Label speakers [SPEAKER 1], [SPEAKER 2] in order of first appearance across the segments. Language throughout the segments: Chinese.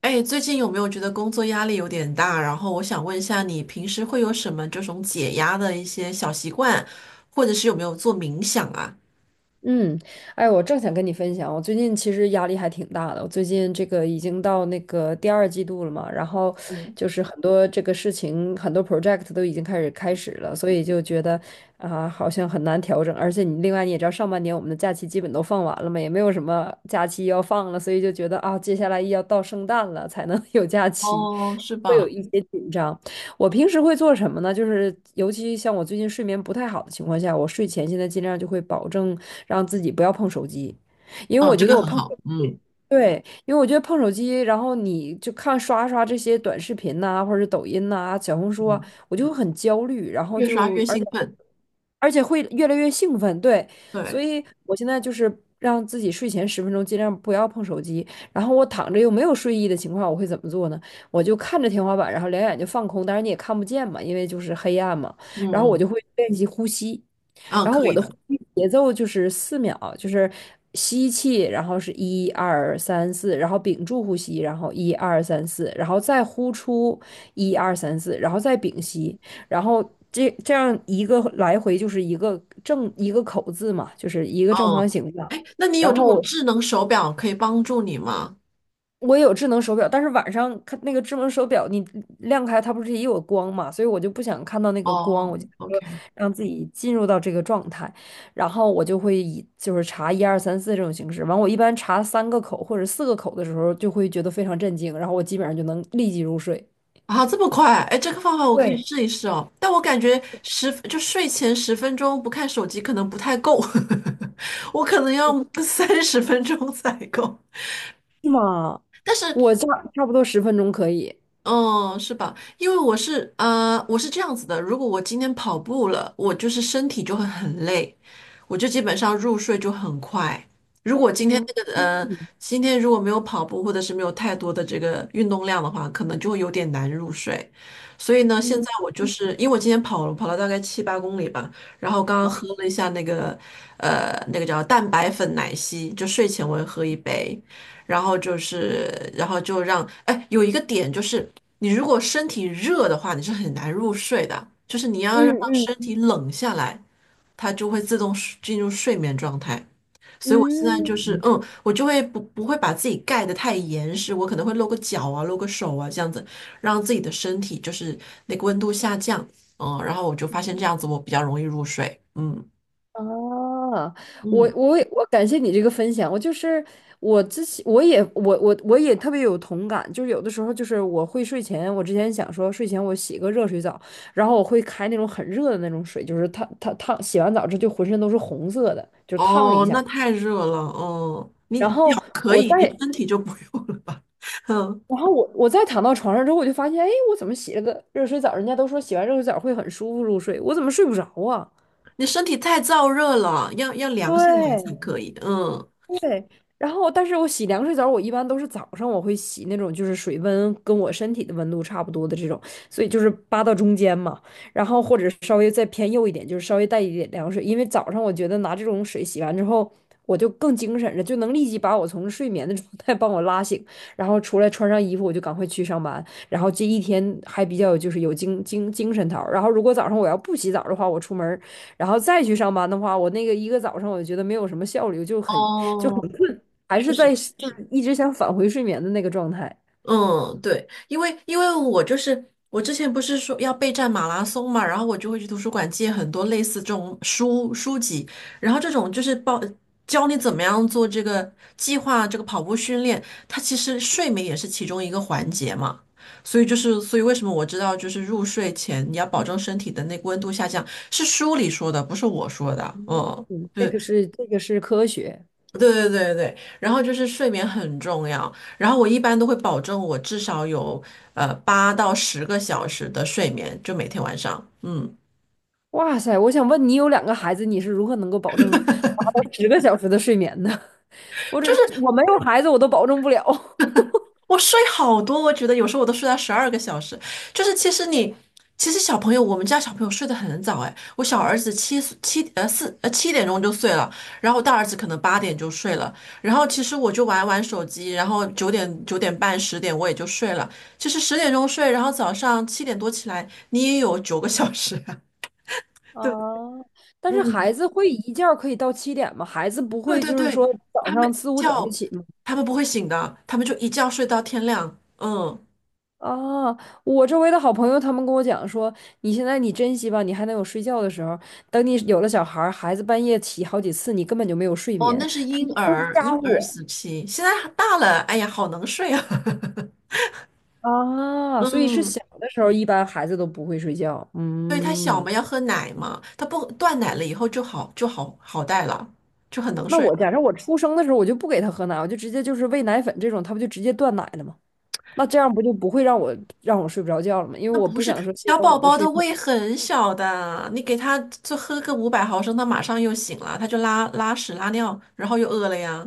[SPEAKER 1] 哎，最近有没有觉得工作压力有点大？然后我想问一下，你平时会有什么这种解压的一些小习惯，或者是有没有做冥想啊？
[SPEAKER 2] 嗯，哎，我正想跟你分享，我最近其实压力还挺大的。我最近这个已经到那个第二季度了嘛，然后就是很多这个事情，很多 project 都已经开始了，所以就觉得啊、好像很难调整。而且你另外你也知道，上半年我们的假期基本都放完了嘛，也没有什么假期要放了，所以就觉得啊，接下来要到圣诞了才能 有假期，
[SPEAKER 1] 哦，是
[SPEAKER 2] 会有
[SPEAKER 1] 吧？
[SPEAKER 2] 一些紧张。我平时会做什么呢？就是尤其像我最近睡眠不太好的情况下，我睡前现在尽量就会保证让自己不要碰手机，因为
[SPEAKER 1] 嗯，
[SPEAKER 2] 我
[SPEAKER 1] 这
[SPEAKER 2] 觉得
[SPEAKER 1] 个
[SPEAKER 2] 我
[SPEAKER 1] 很
[SPEAKER 2] 碰手
[SPEAKER 1] 好。
[SPEAKER 2] 机
[SPEAKER 1] 嗯
[SPEAKER 2] 对，因为我觉得碰手机，然后你就看刷刷这些短视频呐、或者是抖音呐、小红书啊，
[SPEAKER 1] 嗯，
[SPEAKER 2] 我就会很焦虑，然后
[SPEAKER 1] 越刷
[SPEAKER 2] 就
[SPEAKER 1] 越
[SPEAKER 2] 而
[SPEAKER 1] 兴
[SPEAKER 2] 且
[SPEAKER 1] 奋。
[SPEAKER 2] 而且会越来越兴奋，对，所
[SPEAKER 1] 对，
[SPEAKER 2] 以我现在就是让自己睡前十分钟尽量不要碰手机，然后我躺着又没有睡意的情况，我会怎么做呢？我就看着天花板，然后两眼就放空，当然你也看不见嘛，因为就是黑暗嘛。
[SPEAKER 1] 嗯
[SPEAKER 2] 然后我就
[SPEAKER 1] 嗯
[SPEAKER 2] 会练习呼吸，
[SPEAKER 1] 嗯，
[SPEAKER 2] 然后
[SPEAKER 1] 可
[SPEAKER 2] 我
[SPEAKER 1] 以
[SPEAKER 2] 的
[SPEAKER 1] 的。
[SPEAKER 2] 呼吸节奏就是四秒，就是吸气，然后是一二三四，然后屏住呼吸，然后一二三四，然后再呼出一二三四，然后再屏息，然后这样一个来回就是一个正一个口字嘛，就是一个正方
[SPEAKER 1] 嗯，
[SPEAKER 2] 形的。
[SPEAKER 1] 哎，那你有
[SPEAKER 2] 然
[SPEAKER 1] 这
[SPEAKER 2] 后
[SPEAKER 1] 种
[SPEAKER 2] 我
[SPEAKER 1] 智能手表可以帮助你吗？
[SPEAKER 2] 我也有智能手表，但是晚上看那个智能手表，你亮开它不是也有光嘛，所以我就不想看到那个光，
[SPEAKER 1] 哦，
[SPEAKER 2] 我就
[SPEAKER 1] o
[SPEAKER 2] 说
[SPEAKER 1] k
[SPEAKER 2] 让自己进入到这个状态，然后我就会以就是查一二三四这种形式，完我一般查三个口或者四个口的时候，就会觉得非常震惊，然后我基本上就能立即入睡。
[SPEAKER 1] 啊，这么快？哎，这个方法我可以
[SPEAKER 2] 对，
[SPEAKER 1] 试一试哦。但我感觉睡前十分钟不看手机可能不太够，我可能要30分钟 才够。
[SPEAKER 2] 是吗？
[SPEAKER 1] 但是
[SPEAKER 2] 我差不多十分钟可以。
[SPEAKER 1] 哦，是吧？因为我是这样子的，如果我今天跑步了，我就是身体就会很累，我就基本上入睡就很快。如果今天
[SPEAKER 2] 嗯
[SPEAKER 1] 那个呃，
[SPEAKER 2] 嗯
[SPEAKER 1] 今天如果没有跑步或者是没有太多的这个运动量的话，可能就会有点难入睡。所以呢，现
[SPEAKER 2] 嗯。
[SPEAKER 1] 在我就是因为我今天跑了大概七八公里吧，然后刚刚喝了一下那个叫蛋白粉奶昔，就睡前我会喝一杯。然后就是，然后就让，哎，有一个点就是，你如果身体热的话，你是很难入睡的，就是你要让身体冷下来，它就会自动睡进入睡眠状态。所以我现在就是，嗯，我就会不会把自己盖得太严实，我可能会露个脚啊，露个手啊，这样子，让自己的身体就是那个温度下降，嗯，然后我就发现这样子我比较容易入睡，嗯
[SPEAKER 2] 啊，我
[SPEAKER 1] 嗯，
[SPEAKER 2] 我也我感谢你这个分享。我就是我之前我也特别有同感，就是有的时候就是我会睡前，我之前想说睡前我洗个热水澡，然后我会开那种很热的那种水，就是烫烫烫，洗完澡之后就浑身都是红色的，就是烫一
[SPEAKER 1] 哦，
[SPEAKER 2] 下。
[SPEAKER 1] 那太热了，嗯，你
[SPEAKER 2] 然
[SPEAKER 1] 脚
[SPEAKER 2] 后
[SPEAKER 1] 可
[SPEAKER 2] 我再
[SPEAKER 1] 以，你身体就不用了吧，嗯。
[SPEAKER 2] 我再躺到床上之后，我就发现，哎，我怎么洗了个热水澡？人家都说洗完热水澡会很舒服入睡，我怎么睡不着啊？
[SPEAKER 1] 你身体太燥热了，要凉下来才
[SPEAKER 2] 对，
[SPEAKER 1] 可以的嗯，
[SPEAKER 2] 对，然后但是我洗凉水澡，我一般都是早上我会洗那种就是水温跟我身体的温度差不多的这种，所以就是扒到中间嘛，然后或者稍微再偏右一点，就是稍微带一点凉水，因为早上我觉得拿这种水洗完之后，我就更精神了，就能立即把我从睡眠的状态帮我拉醒，然后出来穿上衣服我就赶快去上班，然后这一天还比较就是有精神头儿然后如果早上我要不洗澡的话，我出门儿然后再去上班的话，我那个一个早上我就觉得没有什么效率，就很就很
[SPEAKER 1] 哦，
[SPEAKER 2] 还
[SPEAKER 1] 确
[SPEAKER 2] 是在
[SPEAKER 1] 实。
[SPEAKER 2] 就是一直想返回睡眠的那个状态。
[SPEAKER 1] 嗯，对，因为我之前不是说要备战马拉松嘛，然后我就会去图书馆借很多类似这种书籍，然后这种就是报教你怎么样做这个计划这个跑步训练，它其实睡眠也是其中一个环节嘛，所以为什么我知道就是入睡前你要保证身体的那个温度下降，是书里说的，不是我说的，嗯，
[SPEAKER 2] 嗯，这
[SPEAKER 1] 对，
[SPEAKER 2] 个是这个是科学。
[SPEAKER 1] 对对对对，然后就是睡眠很重要，然后我一般都会保证我至少有8到10个小时的睡眠，就每天晚上，嗯。
[SPEAKER 2] 哇塞，我想问你，有两个孩子，你是如何能够保证达到十个小时的睡眠的？我这我没有孩子，我都保证不了。
[SPEAKER 1] 我睡好多，我觉得有时候我都睡到12个小时。就是其实你，其实小朋友，我们家小朋友睡得很早哎，我小儿子7岁，7点就睡了，然后大儿子可能8点就睡了，然后其实我就玩玩手机，然后九点9点半十点我也就睡了。其实10点睡，然后早上7点多起来，你也有9个小时啊
[SPEAKER 2] 啊，
[SPEAKER 1] 对，
[SPEAKER 2] 但
[SPEAKER 1] 嗯，
[SPEAKER 2] 是孩子会一觉儿可以到七点吗？孩子不
[SPEAKER 1] 对
[SPEAKER 2] 会
[SPEAKER 1] 对
[SPEAKER 2] 就是说
[SPEAKER 1] 对，
[SPEAKER 2] 早
[SPEAKER 1] 他们
[SPEAKER 2] 上
[SPEAKER 1] 一
[SPEAKER 2] 四五点就
[SPEAKER 1] 觉，
[SPEAKER 2] 起吗？
[SPEAKER 1] 他们不会醒的，他们就一觉睡到天亮。嗯，
[SPEAKER 2] 啊，我周围的好朋友他们跟我讲说，你现在你珍惜吧，你还能有睡觉的时候。等你有了小孩儿孩子半夜起好几次，你根本就没有睡
[SPEAKER 1] 哦，
[SPEAKER 2] 眠。
[SPEAKER 1] 那是婴
[SPEAKER 2] 都是
[SPEAKER 1] 儿，婴
[SPEAKER 2] 家
[SPEAKER 1] 儿
[SPEAKER 2] 务。
[SPEAKER 1] 时期，现在大了，哎呀，好能睡啊。
[SPEAKER 2] 啊，所以是
[SPEAKER 1] 嗯，
[SPEAKER 2] 小的时候，一般孩子都不会睡觉。
[SPEAKER 1] 对，他小
[SPEAKER 2] 嗯，
[SPEAKER 1] 嘛，要喝奶嘛，他不断奶了以后就好，就好好带了，就很能
[SPEAKER 2] 那
[SPEAKER 1] 睡
[SPEAKER 2] 我
[SPEAKER 1] 了。
[SPEAKER 2] 假设我出生的时候，我就不给他喝奶，我就直接就是喂奶粉这种，他不就直接断奶了吗？那这样不就不会让我让我睡不着觉了吗？因为
[SPEAKER 1] 那
[SPEAKER 2] 我
[SPEAKER 1] 不
[SPEAKER 2] 不
[SPEAKER 1] 是
[SPEAKER 2] 想说牺
[SPEAKER 1] 小
[SPEAKER 2] 牲
[SPEAKER 1] 宝
[SPEAKER 2] 我的
[SPEAKER 1] 宝的
[SPEAKER 2] 睡眠
[SPEAKER 1] 胃很小的，你给他就喝个500毫升，他马上又醒了，他就拉拉屎拉尿，然后又饿了呀。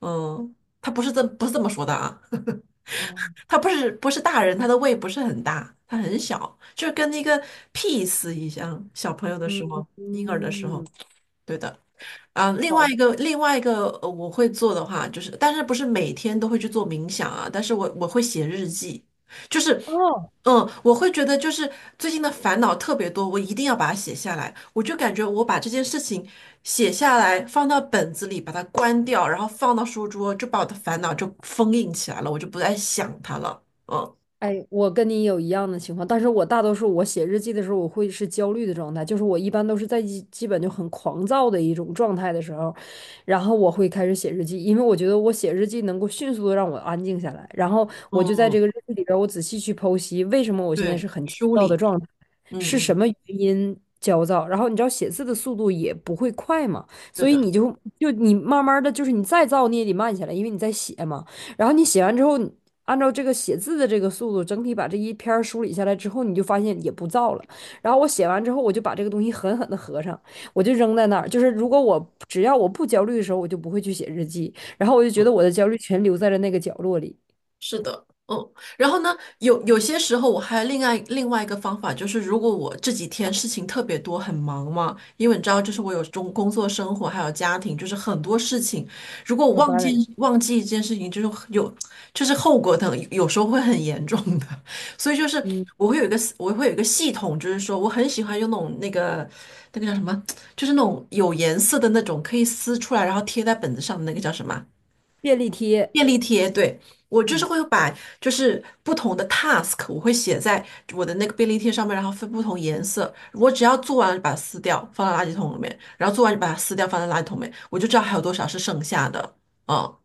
[SPEAKER 1] 嗯，他不是这不是这么说的啊，
[SPEAKER 2] 啊。
[SPEAKER 1] 他不是大人，他的胃不是很大，他很小，就是跟那个 PEAE 一样，小朋友的
[SPEAKER 2] 嗯
[SPEAKER 1] 时候，婴儿的时候，
[SPEAKER 2] 嗯，
[SPEAKER 1] 对的。啊，另
[SPEAKER 2] 好
[SPEAKER 1] 外一
[SPEAKER 2] 吧。
[SPEAKER 1] 个，另外一个，呃，我会做的话，就是，但是不是每天都会去做冥想啊？但是我会写日记，就是，
[SPEAKER 2] 哦，
[SPEAKER 1] 嗯，我会觉得就是最近的烦恼特别多，我一定要把它写下来。我就感觉我把这件事情写下来，放到本子里，把它关掉，然后放到书桌，就把我的烦恼就封印起来了，我就不再想它了。嗯
[SPEAKER 2] 哎，我跟你有一样的情况，但是我大多数我写日记的时候，我会是焦虑的状态，就是我一般都是在基本就很狂躁的一种状态的时候，然后我会开始写日记，因为我觉得我写日记能够迅速的让我安静下来，然后我就在
[SPEAKER 1] 嗯，
[SPEAKER 2] 这个日记里边儿我仔细去剖析为什么我现在
[SPEAKER 1] 对，
[SPEAKER 2] 是很焦
[SPEAKER 1] 梳
[SPEAKER 2] 躁的
[SPEAKER 1] 理，
[SPEAKER 2] 状态，
[SPEAKER 1] 嗯
[SPEAKER 2] 是
[SPEAKER 1] 嗯，
[SPEAKER 2] 什么原因焦躁，然后你知道写字的速度也不会快嘛，
[SPEAKER 1] 对
[SPEAKER 2] 所以
[SPEAKER 1] 的。
[SPEAKER 2] 你就就你慢慢的就是你再躁你也得慢下来，因为你在写嘛。然后你写完之后，按照这个写字的这个速度，整体把这一篇梳理下来之后，你就发现也不燥了。然后我写完之后，我就把这个东西狠狠的合上，我就扔在那儿。就是如果我只要我不焦虑的时候，我就不会去写日记。然后我就觉得
[SPEAKER 1] 嗯。
[SPEAKER 2] 我的焦虑全留在了那个角落里。
[SPEAKER 1] 是的，嗯，然后呢，有些时候我还另外一个方法就是，如果我这几天事情特别多，很忙嘛，因为你知道，就是我有中工作、生活还有家庭，就是很多事情，如果我
[SPEAKER 2] 要
[SPEAKER 1] 忘记
[SPEAKER 2] balance，
[SPEAKER 1] 忘记一件事情，就是有就是后果等有时候会很严重的，所以就是
[SPEAKER 2] 嗯，
[SPEAKER 1] 我会有一个系统，就是说我很喜欢用那种那个叫什么，就是那种有颜色的那种可以撕出来然后贴在本子上的那个叫什么啊？
[SPEAKER 2] 便利贴，
[SPEAKER 1] 便利贴，对，我就是会把就是不同的 task,我会写在我的那个便利贴上面，然后分不同颜色。我只要做完了就把它撕掉，放到垃圾桶里面，然后做完就把它撕掉，放在垃圾桶里面，我就知道还有多少是剩下的。嗯，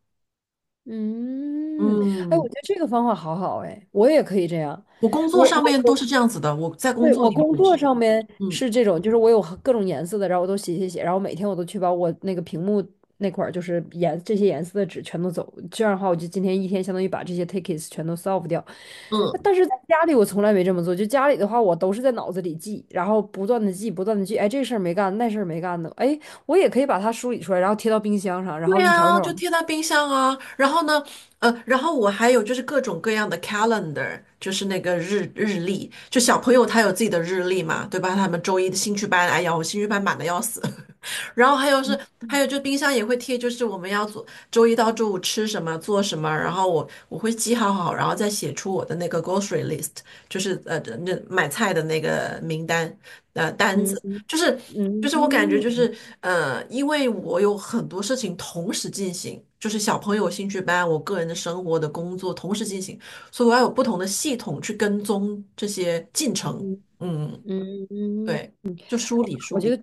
[SPEAKER 2] 嗯，哎，我
[SPEAKER 1] 嗯
[SPEAKER 2] 觉得这个方法好好哎，我也可以这样。
[SPEAKER 1] 我工作
[SPEAKER 2] 我我
[SPEAKER 1] 上面都是
[SPEAKER 2] 我
[SPEAKER 1] 这样子的，我在工
[SPEAKER 2] 对，
[SPEAKER 1] 作
[SPEAKER 2] 我
[SPEAKER 1] 里面
[SPEAKER 2] 工
[SPEAKER 1] 也
[SPEAKER 2] 作
[SPEAKER 1] 是，
[SPEAKER 2] 上面
[SPEAKER 1] 嗯
[SPEAKER 2] 是这种，就是我有各种颜色的，然后我都写写写，然后每天我都去把我那个屏幕那块儿就是颜这些颜色的纸全都走，这样的话我就今天一天相当于把这些 tickets 全都 solve 掉。呃
[SPEAKER 1] 嗯。
[SPEAKER 2] 但是在家里我从来没这么做，就家里的话我都是在脑子里记，然后不断的记，不断的记，哎这事儿没干，那事儿没干的，哎我也可以把它梳理出来，然后贴到冰箱上，然后
[SPEAKER 1] 对
[SPEAKER 2] 一条一
[SPEAKER 1] 啊，
[SPEAKER 2] 条
[SPEAKER 1] 就
[SPEAKER 2] 往上
[SPEAKER 1] 贴在冰箱啊。然后呢，然后我还有就是各种各样的 calendar,就是那个日历，就小朋友他有自己的日历嘛，对吧？他们周一的兴趣班，哎呀，我兴趣班满的要死。然后还有是，
[SPEAKER 2] 嗯
[SPEAKER 1] 还有就冰箱也会贴，就是我们要做周一到周五吃什么，做什么，然后我会记好好，然后再写出我的那个 grocery list,就是那买菜的那个名单单
[SPEAKER 2] 嗯
[SPEAKER 1] 子，就是
[SPEAKER 2] 嗯
[SPEAKER 1] 我感觉就
[SPEAKER 2] 嗯
[SPEAKER 1] 是因为我有很多事情同时进行，就是小朋友兴趣班，我个人的生活的工作同时进行，所以我要有不同的系统去跟踪这些进程，嗯，
[SPEAKER 2] 嗯。
[SPEAKER 1] 对，就梳理
[SPEAKER 2] 我
[SPEAKER 1] 梳
[SPEAKER 2] 觉
[SPEAKER 1] 理，
[SPEAKER 2] 得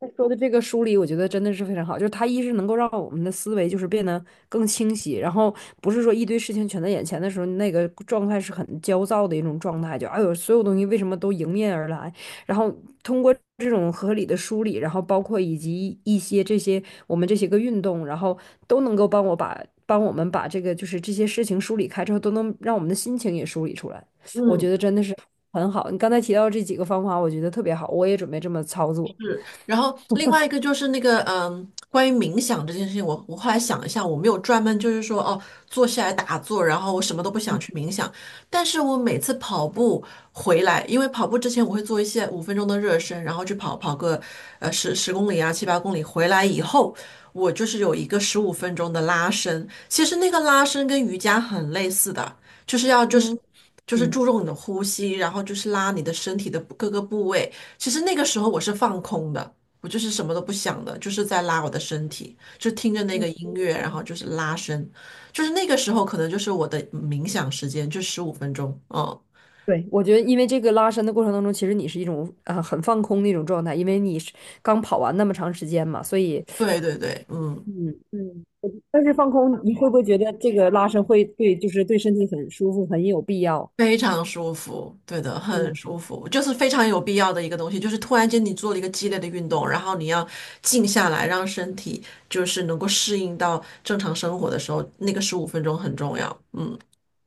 [SPEAKER 2] 你说的这个梳理，我觉得真的是非常好。就是它一是能够让我们的思维就是变得更清晰，然后不是说一堆事情全在眼前的时候，那个状态是很焦躁的一种状态，就哎呦，所有东西为什么都迎面而来？然后通过这种合理的梳理，然后包括以及一些这些我们这些个运动，然后都能够帮我们把这个就是这些事情梳理开之后，都能让我们的心情也梳理出来。我觉
[SPEAKER 1] 嗯。
[SPEAKER 2] 得真的是。很好。你刚才提到这几个方法，我觉得特别好，我也准备这么操作。
[SPEAKER 1] 是，然后另外一个就是那个，嗯，关于冥想这件事情，我后来想一下，我没有专门就是说，哦，坐下来打坐，然后我什么都不想去冥想，但是我每次跑步回来，因为跑步之前我会做一些五分钟的热身，然后去跑个十公里啊七八公里，回来以后我就是有一个十五分钟的拉伸，其实那个拉伸跟瑜伽很类似的，就是要就是。
[SPEAKER 2] 嗯
[SPEAKER 1] 就是
[SPEAKER 2] 嗯
[SPEAKER 1] 注重你的呼吸，然后就是拉你的身体的各个部位，其实那个时候我是放空的，我就是什么都不想的，就是在拉我的身体，就听着那
[SPEAKER 2] 嗯，
[SPEAKER 1] 个音乐，然后就是拉伸，就是那个时候可能就是我的冥想时间，就十五分钟。嗯，
[SPEAKER 2] 对，我觉得因为这个拉伸的过程当中，其实你是一种啊、呃很放空的一种状态，因为你是刚跑完那么长时间嘛，所以
[SPEAKER 1] 对对对，嗯，
[SPEAKER 2] 嗯嗯。我但是放空，你会不会觉得这个拉伸会对，就是对身体很舒服，很有必要？
[SPEAKER 1] 非常舒服，对的，很
[SPEAKER 2] 嗯
[SPEAKER 1] 舒服，就是非常有必要的一个东西，就是突然间你做了一个激烈的运动，然后你要静下来，让身体就是能够适应到正常生活的时候，那个十五分钟很重要。嗯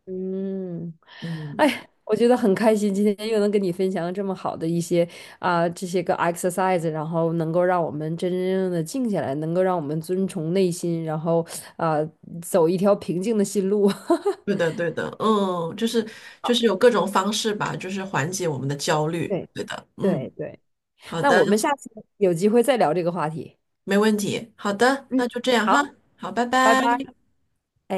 [SPEAKER 2] 嗯。
[SPEAKER 1] 嗯。
[SPEAKER 2] 哎，我觉得很开心，今天又能跟你分享这么好的一些啊、这些个 exercise，然后能够让我们真真正正的静下来，能够让我们遵从内心，然后啊、走一条平静的心路。
[SPEAKER 1] 对的，对的，嗯，就是有各种方式吧，就是缓解我们的焦虑。
[SPEAKER 2] 对
[SPEAKER 1] 对的，
[SPEAKER 2] 对
[SPEAKER 1] 嗯，
[SPEAKER 2] 对，
[SPEAKER 1] 好
[SPEAKER 2] 那
[SPEAKER 1] 的，
[SPEAKER 2] 我们下次有机会再聊这个话题。
[SPEAKER 1] 没问题。好的，
[SPEAKER 2] 嗯，
[SPEAKER 1] 那就这样哈。
[SPEAKER 2] 好，
[SPEAKER 1] 好，拜
[SPEAKER 2] 拜
[SPEAKER 1] 拜。
[SPEAKER 2] 拜。